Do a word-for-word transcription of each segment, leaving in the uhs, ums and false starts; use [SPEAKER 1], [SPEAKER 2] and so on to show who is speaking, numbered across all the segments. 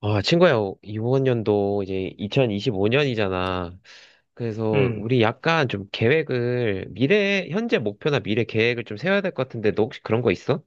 [SPEAKER 1] 아, 친구야, 이번 연도 이제 이천이십오 년이잖아. 그래서
[SPEAKER 2] 음.
[SPEAKER 1] 우리 약간 좀 계획을, 미래, 현재 목표나 미래 계획을 좀 세워야 될 것 같은데, 너 혹시 그런 거 있어?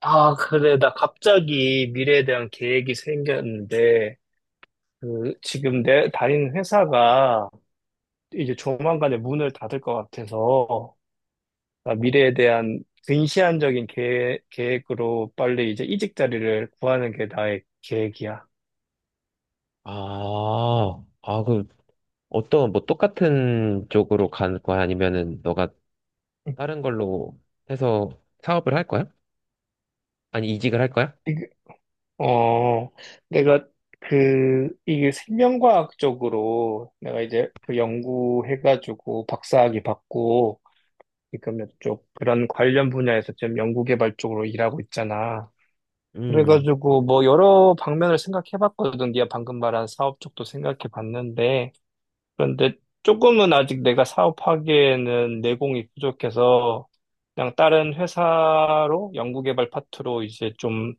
[SPEAKER 2] 아, 그래. 나 갑자기 미래에 대한 계획이 생겼는데, 그, 지금 내 다니는 회사가 이제 조만간에 문을 닫을 것 같아서, 나 미래에 대한 근시안적인 계획, 계획으로 빨리 이제 이직 자리를 구하는 게 나의 계획이야.
[SPEAKER 1] 아, 아, 그, 어떤, 뭐, 똑같은 쪽으로 간 거야? 아니면은, 너가 다른 걸로 해서 사업을 할 거야? 아니, 이직을 할 거야?
[SPEAKER 2] 이게- 어, 내가 그, 이게 생명과학 적으로 내가 이제 그 연구해가지고 박사학위 받고, 지금 이쪽 그런 관련 분야에서 지금 연구개발 쪽으로 일하고 있잖아.
[SPEAKER 1] 음.
[SPEAKER 2] 그래가지고 뭐 여러 방면을 생각해봤거든. 네가 방금 말한 사업 쪽도 생각해봤는데, 그런데 조금은 아직 내가 사업하기에는 내공이 부족해서 그냥 다른 회사로 연구개발 파트로 이제 좀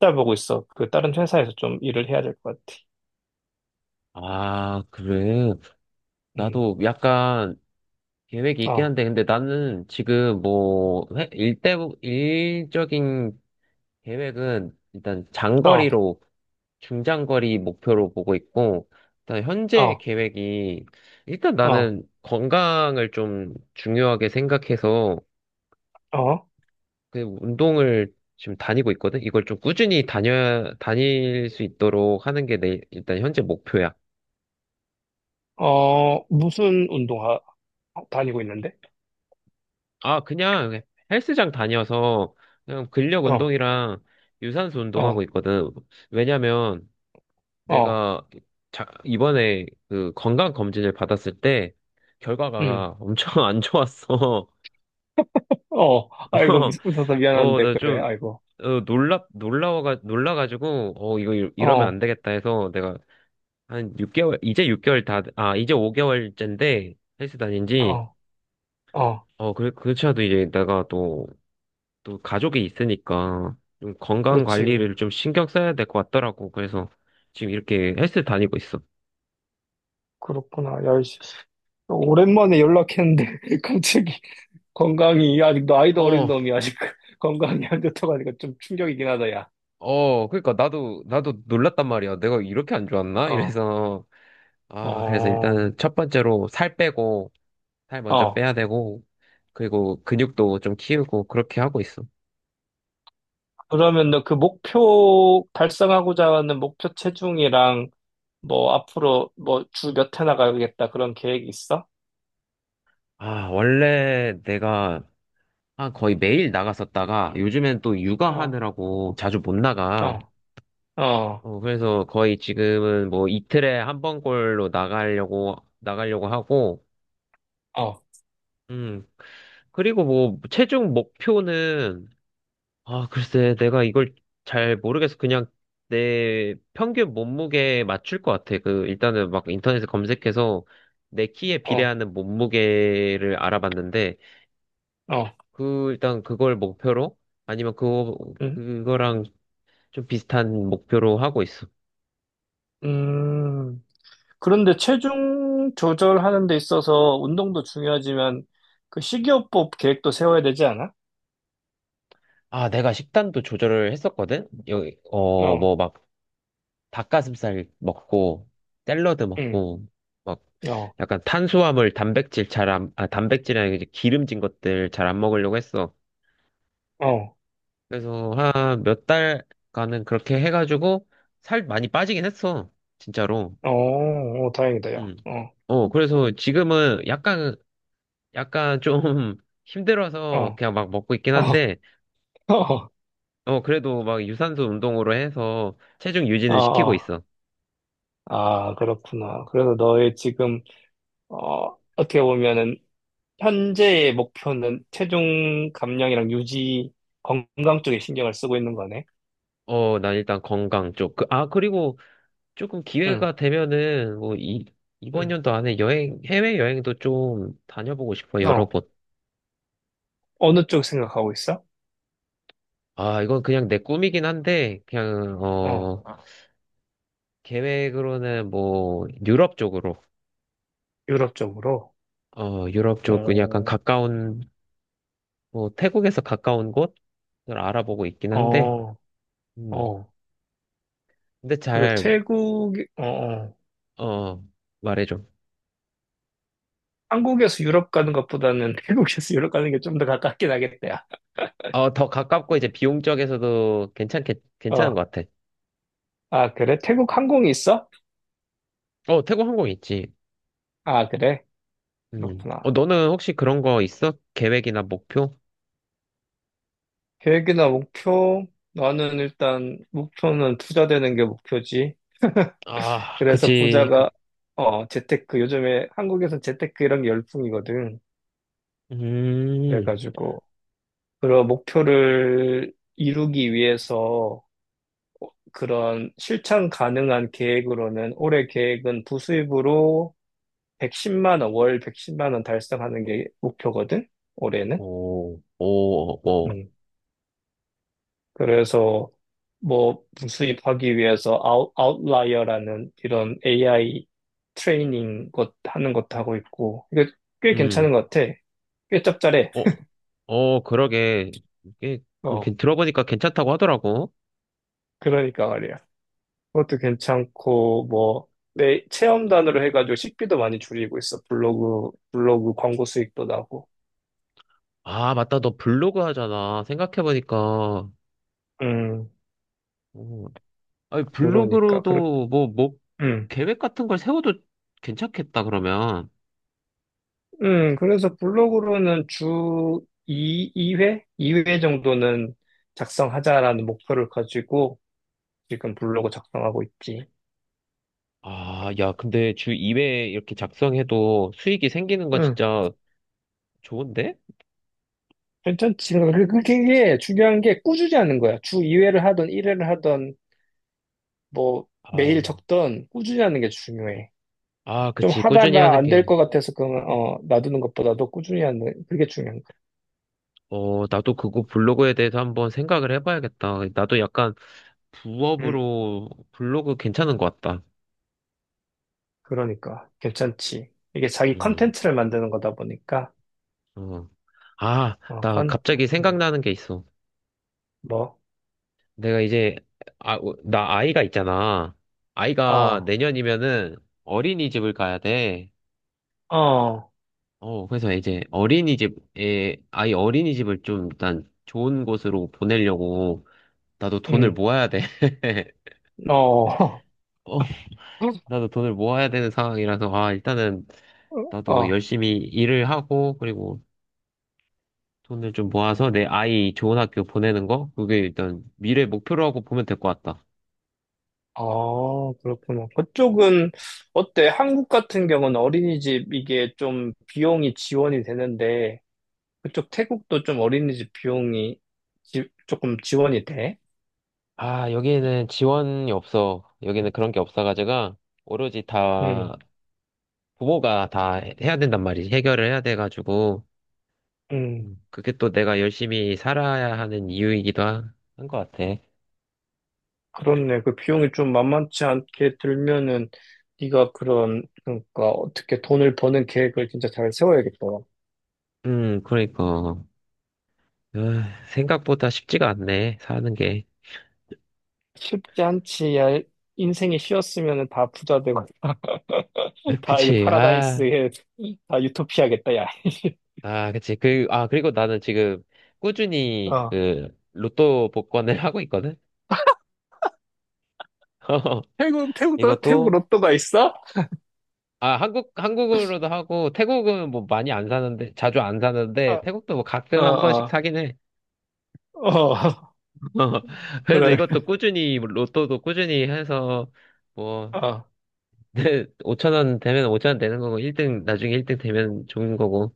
[SPEAKER 2] 찾아보고 있어. 그 다른 회사에서 좀 일을 해야 될 것 같아.
[SPEAKER 1] 아, 그래.
[SPEAKER 2] 음,
[SPEAKER 1] 나도 약간 계획이 있긴
[SPEAKER 2] 어,
[SPEAKER 1] 한데, 근데 나는 지금 뭐, 회- 일대, 일적인 계획은 일단
[SPEAKER 2] 어,
[SPEAKER 1] 장거리로, 중장거리 목표로 보고 있고, 일단 현재
[SPEAKER 2] 어,
[SPEAKER 1] 계획이, 일단
[SPEAKER 2] 어,
[SPEAKER 1] 나는 건강을 좀 중요하게 생각해서,
[SPEAKER 2] 어,
[SPEAKER 1] 그 운동을 지금 다니고 있거든? 이걸 좀 꾸준히 다녀, 다닐 수 있도록 하는 게 내, 일단 현재 목표야.
[SPEAKER 2] 어, 무슨 운동화 다니고 있는데?
[SPEAKER 1] 아, 그냥 헬스장 다녀서, 그냥 근력
[SPEAKER 2] 어,
[SPEAKER 1] 운동이랑 유산소 운동하고
[SPEAKER 2] 어.
[SPEAKER 1] 있거든. 왜냐면,
[SPEAKER 2] 어.
[SPEAKER 1] 내가 자, 이번에 그 건강 검진을 받았을 때
[SPEAKER 2] 응.
[SPEAKER 1] 결과가 엄청 안 좋았어.
[SPEAKER 2] 어, 아이고, 미- 웃어서
[SPEAKER 1] 어,
[SPEAKER 2] 미안한데,
[SPEAKER 1] 나
[SPEAKER 2] 그래,
[SPEAKER 1] 좀,
[SPEAKER 2] 아이고.
[SPEAKER 1] 어, 놀라, 놀라워가, 놀라가지고, 어, 이거 이- 이러면 안
[SPEAKER 2] 어,
[SPEAKER 1] 되겠다 해서 내가 한 육 개월, 이제 육 개월 다, 아, 이제 오 개월째인데 헬스 다닌 지,
[SPEAKER 2] 어, 어,
[SPEAKER 1] 어, 그, 그렇지 않아도 이제 내가 또, 또 가족이 있으니까 좀 건강
[SPEAKER 2] 그렇지.
[SPEAKER 1] 관리를 좀 신경 써야 될 것 같더라고. 그래서 지금 이렇게 헬스 다니고 있어.
[SPEAKER 2] 그렇구나. 야, 씨. 오랜만에 연락했는데, 갑자기 건강이, 아직 나이도 어린
[SPEAKER 1] 어,
[SPEAKER 2] 놈이 아직 건강이 안 좋다가니까 좀 충격이긴 하다, 야.
[SPEAKER 1] 어, 그러니까 나도 나도 놀랐단 말이야. 내가 이렇게 안 좋았나?
[SPEAKER 2] 어,
[SPEAKER 1] 이래서 아, 그래서
[SPEAKER 2] 어,
[SPEAKER 1] 일단은 첫 번째로 살 빼고 살 먼저
[SPEAKER 2] 어.
[SPEAKER 1] 빼야 되고 그리고 근육도 좀 키우고 그렇게 하고 있어.
[SPEAKER 2] 그러면 너 그 목표, 달성하고자 하는 목표 체중이랑, 뭐, 앞으로, 뭐, 주 몇 회 나가겠다, 그런 계획이 있어?
[SPEAKER 1] 아, 원래 내가 한 거의 매일 나갔었다가 요즘엔 또
[SPEAKER 2] 어,
[SPEAKER 1] 육아하느라고 자주 못 나가.
[SPEAKER 2] 어, 어,
[SPEAKER 1] 어, 그래서 거의 지금은 뭐 이틀에 한 번꼴로 나가려고 나가려고 하고
[SPEAKER 2] 어,
[SPEAKER 1] 음. 그리고 뭐 체중 목표는 아, 글쎄, 내가 이걸 잘 모르겠어. 그냥 내 평균 몸무게에 맞출 것 같아. 그, 일단은 막 인터넷에 검색해서 내 키에
[SPEAKER 2] 어,
[SPEAKER 1] 비례하는 몸무게를 알아봤는데,
[SPEAKER 2] 어.
[SPEAKER 1] 그, 일단 그걸 목표로, 아니면 그거,
[SPEAKER 2] 응?
[SPEAKER 1] 그거랑 좀 비슷한 목표로 하고 있어.
[SPEAKER 2] 음, 그런데 체중 조절하는 데 있어서 운동도 중요하지만 그 식이요법 계획도 세워야 되지 않아?
[SPEAKER 1] 아, 내가 식단도 조절을 했었거든? 여기, 어,
[SPEAKER 2] 어,
[SPEAKER 1] 뭐 막 닭가슴살 먹고, 샐러드
[SPEAKER 2] 응,
[SPEAKER 1] 먹고, 막
[SPEAKER 2] 어,
[SPEAKER 1] 약간 탄수화물, 단백질 잘 안, 아, 단백질이나 이제 기름진 것들 잘 안 먹으려고 했어.
[SPEAKER 2] 어,
[SPEAKER 1] 그래서 한 몇 달간은 그렇게 해가지고 살 많이 빠지긴 했어. 진짜로.
[SPEAKER 2] 어, 어, 다행이다요.
[SPEAKER 1] 음.
[SPEAKER 2] 어,
[SPEAKER 1] 어, 그래서 지금은 약간, 약간 좀 힘들어서
[SPEAKER 2] 어,
[SPEAKER 1] 그냥 막 먹고 있긴
[SPEAKER 2] 어,
[SPEAKER 1] 한데,
[SPEAKER 2] 어,
[SPEAKER 1] 어, 그래도 막 유산소 운동으로 해서 체중
[SPEAKER 2] 어,
[SPEAKER 1] 유지는 시키고
[SPEAKER 2] 어.
[SPEAKER 1] 있어.
[SPEAKER 2] 아, 그렇구나. 그래서 너의 지금, 어, 어떻게 보면은 현재의 목표는 체중 감량이랑 유지, 건강 쪽에 신경을 쓰고 있는 거네.
[SPEAKER 1] 어, 난 일단 건강 쪽. 그, 아, 그리고 조금
[SPEAKER 2] 응,
[SPEAKER 1] 기회가 되면은 뭐 이, 이번
[SPEAKER 2] 응.
[SPEAKER 1] 연도 안에 여행, 해외 여행도 좀 다녀보고 싶어, 여러
[SPEAKER 2] 어,
[SPEAKER 1] 곳.
[SPEAKER 2] 어느 쪽 생각하고 있어?
[SPEAKER 1] 아, 이건 그냥 내 꿈이긴 한데, 그냥,
[SPEAKER 2] 어,
[SPEAKER 1] 어, 아, 계획으로는 뭐, 유럽 쪽으로,
[SPEAKER 2] 유럽 쪽으로.
[SPEAKER 1] 어, 유럽 쪽은 약간
[SPEAKER 2] 어,
[SPEAKER 1] 가까운, 뭐, 태국에서 가까운 곳을 알아보고 있긴 한데,
[SPEAKER 2] 어,
[SPEAKER 1] 음,
[SPEAKER 2] 어.
[SPEAKER 1] 근데
[SPEAKER 2] 그래,
[SPEAKER 1] 잘,
[SPEAKER 2] 태국, 어, 어.
[SPEAKER 1] 어, 말해줘.
[SPEAKER 2] 한국에서 유럽 가는 것보다는 태국에서 유럽 가는 게 좀 더 가깝긴 하겠다, 야.
[SPEAKER 1] 어, 더 가깝고 이제 비용적에서도 괜찮게, 괜찮은
[SPEAKER 2] 어,
[SPEAKER 1] 것 같아.
[SPEAKER 2] 아, 그래? 태국 항공이 있어?
[SPEAKER 1] 어, 태국 항공 있지.
[SPEAKER 2] 아, 그래?
[SPEAKER 1] 음. 어,
[SPEAKER 2] 그렇구나.
[SPEAKER 1] 너는 혹시 그런 거 있어? 계획이나 목표?
[SPEAKER 2] 계획이나 목표? 나는 일단 목표는 투자되는 게 목표지.
[SPEAKER 1] 아,
[SPEAKER 2] 그래서
[SPEAKER 1] 그치. 그,
[SPEAKER 2] 부자가, 어, 재테크. 요즘에 한국에서 재테크 이런 게 열풍이거든.
[SPEAKER 1] 음,
[SPEAKER 2] 그래가지고, 그런 목표를 이루기 위해서 그런 실천 가능한 계획으로는 올해 계획은 부수입으로 백십만 원, 월 백십만 원 달성하는 게 목표거든, 올해는.
[SPEAKER 1] 오, 오, 오.
[SPEAKER 2] 음. 그래서 뭐 부수입하기 위해서 아웃, 아웃라이어라는 이런 에이아이 트레이닝 것 하는 것도 하고 있고, 이게 꽤
[SPEAKER 1] 음,
[SPEAKER 2] 괜찮은 것 같아. 꽤 짭짤해.
[SPEAKER 1] 어, 어, 그러게. 이게, 그,
[SPEAKER 2] 어,
[SPEAKER 1] 괜- 들어보니까 괜찮다고 하더라고.
[SPEAKER 2] 그러니까 말이야. 그것도 괜찮고, 뭐, 내 체험단으로 해가지고 식비도 많이 줄이고 있어. 블로그, 블로그 광고 수익도 나고.
[SPEAKER 1] 아, 맞다. 너 블로그 하잖아. 생각해보니까.
[SPEAKER 2] 음,
[SPEAKER 1] 어, 아니,
[SPEAKER 2] 그러니까. 그렇,
[SPEAKER 1] 블로그로도 뭐, 뭐,
[SPEAKER 2] 음,
[SPEAKER 1] 계획 같은 걸 세워도 괜찮겠다, 그러면.
[SPEAKER 2] 음, 그래서 블로그로는 주 이, 이회 이회 정도는 작성하자라는 목표를 가지고 지금 블로그 작성하고 있지.
[SPEAKER 1] 아, 야, 근데 주 이 회 이렇게 작성해도 수익이 생기는 건
[SPEAKER 2] 응,
[SPEAKER 1] 진짜 좋은데?
[SPEAKER 2] 괜찮지. 그러니까 그- 그게 그게 중요한 게 꾸준히 하는 거야. 주 이 회를 하던 일 회를 하던 뭐
[SPEAKER 1] 아,
[SPEAKER 2] 매일 적던 꾸준히 하는 게 중요해.
[SPEAKER 1] 아,
[SPEAKER 2] 좀
[SPEAKER 1] 그치. 꾸준히
[SPEAKER 2] 하다가
[SPEAKER 1] 하는
[SPEAKER 2] 안 될
[SPEAKER 1] 게.
[SPEAKER 2] 것 같아서 그러면 어, 놔두는 것보다도 꾸준히 하는 그게 중요한
[SPEAKER 1] 어, 나도 그거 블로그에 대해서 한번 생각을 해봐야겠다. 나도 약간
[SPEAKER 2] 거야. 응,
[SPEAKER 1] 부업으로 블로그 괜찮은 것 같다.
[SPEAKER 2] 그러니까. 괜찮지. 이게 자기
[SPEAKER 1] 음,
[SPEAKER 2] 컨텐츠를 만드는 거다 보니까.
[SPEAKER 1] 어. 아,
[SPEAKER 2] 어,
[SPEAKER 1] 나
[SPEAKER 2] 간,
[SPEAKER 1] 갑자기
[SPEAKER 2] 음,
[SPEAKER 1] 생각나는 게 있어.
[SPEAKER 2] 뭐,
[SPEAKER 1] 내가 이제, 아, 어, 나 아이가 있잖아. 아이가
[SPEAKER 2] 아,
[SPEAKER 1] 내년이면은 어린이집을 가야 돼.
[SPEAKER 2] 어,
[SPEAKER 1] 어, 그래서 이제 어린이집에, 아이 어린이집을 좀 일단 좋은 곳으로 보내려고 나도 돈을
[SPEAKER 2] 음,
[SPEAKER 1] 모아야 돼.
[SPEAKER 2] 어,
[SPEAKER 1] 어, 나도 돈을 모아야 되는 상황이라서, 아, 일단은 나도
[SPEAKER 2] 어,
[SPEAKER 1] 열심히 일을 하고, 그리고 돈을 좀 모아서 내 아이 좋은 학교 보내는 거? 그게 일단 미래 목표로 하고 보면 될 것 같다.
[SPEAKER 2] 어, 그렇구나. 그쪽은 어때? 한국 같은 경우는 어린이집 이게 좀 비용이 지원이 되는데, 그쪽 태국도 좀 어린이집 비용이 지- 조금 지원이 돼?
[SPEAKER 1] 아, 여기는 지원이 없어. 여기는 그런 게 없어가지고, 오로지
[SPEAKER 2] 응,
[SPEAKER 1] 다, 부모가 다 해- 해야 된단 말이지. 해결을 해야 돼가지고,
[SPEAKER 2] 응,
[SPEAKER 1] 음, 그게 또 내가 열심히 살아야 하는 이유이기도 한 것 같아.
[SPEAKER 2] 그렇네. 그 비용이 좀 만만치 않게 들면은 네가 그런, 그러니까 어떻게 돈을 버는 계획을 진짜 잘 세워야겠다.
[SPEAKER 1] 음, 그러니까. 아, 생각보다 쉽지가 않네, 사는 게.
[SPEAKER 2] 쉽지 않지. 야, 인생이 쉬웠으면 다 부자 되고,
[SPEAKER 1] 아,
[SPEAKER 2] 다 이거
[SPEAKER 1] 그치, 아.
[SPEAKER 2] 파라다이스에, 다 유토피아겠다, 야.
[SPEAKER 1] 아, 그치. 그, 아, 그리고 나는 지금 꾸준히
[SPEAKER 2] 어.
[SPEAKER 1] 그 로또 복권을 하고 있거든?
[SPEAKER 2] 태국, 태국, 로- 태국
[SPEAKER 1] 이것도,
[SPEAKER 2] 로또가 있어?
[SPEAKER 1] 아, 한국, 한국으로도 하고, 태국은 뭐 많이 안 사는데, 자주 안
[SPEAKER 2] 어,
[SPEAKER 1] 사는데, 태국도 뭐
[SPEAKER 2] 어,
[SPEAKER 1] 가끔 한 번씩
[SPEAKER 2] 어,
[SPEAKER 1] 사긴 해.
[SPEAKER 2] 어,
[SPEAKER 1] 그래서
[SPEAKER 2] 그래.
[SPEAKER 1] 이것도 꾸준히, 로또도 꾸준히 해서, 뭐,
[SPEAKER 2] 어,
[SPEAKER 1] 오천 원 되면 오천 원 되는 거고, 일 등, 나중에 일 등 되면 좋은 거고,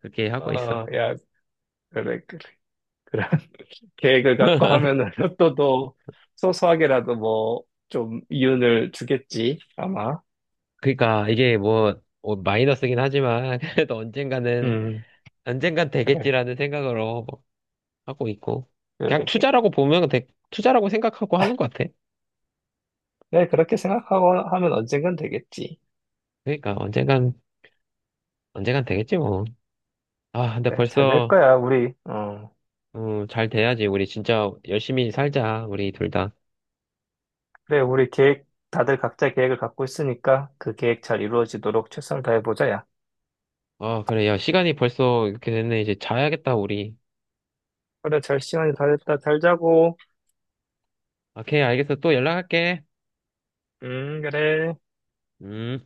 [SPEAKER 1] 그렇게 하고 있어.
[SPEAKER 2] 어, 야, 그래, 그래. 그래. 계획을 갖고 하면은 로또도 소소하게라도 뭐, 좀 이윤을 주겠지, 아마.
[SPEAKER 1] 그러니까 이게 뭐, 뭐 마이너스긴 하지만, 그래도 언젠가는,
[SPEAKER 2] 음,
[SPEAKER 1] 언젠간
[SPEAKER 2] 그래,
[SPEAKER 1] 되겠지라는 생각으로 하고 있고 그냥
[SPEAKER 2] 그래, 그래.
[SPEAKER 1] 투자라고 보면 되, 투자라고 생각하고 하는 것 같아.
[SPEAKER 2] 네, 그렇게 생각하고 하면 언젠간 되겠지.
[SPEAKER 1] 그러니까 언젠간 언젠간 되겠지 뭐. 아 근데
[SPEAKER 2] 그래, 잘 될
[SPEAKER 1] 벌써
[SPEAKER 2] 거야, 우리. 어.
[SPEAKER 1] 음, 잘 돼야지. 우리 진짜 열심히 살자 우리 둘 다.
[SPEAKER 2] 그래, 우리 계획, 다들 각자 계획을 갖고 있으니까 그 계획 잘 이루어지도록 최선을 다해보자, 야.
[SPEAKER 1] 아 그래 야 시간이 벌써 이렇게 됐네. 이제 자야겠다 우리.
[SPEAKER 2] 그래, 잘 시간이 다 됐다. 잘 자고.
[SPEAKER 1] 아, 오케이 알겠어. 또 연락할게.
[SPEAKER 2] 음, 그래.
[SPEAKER 1] 음.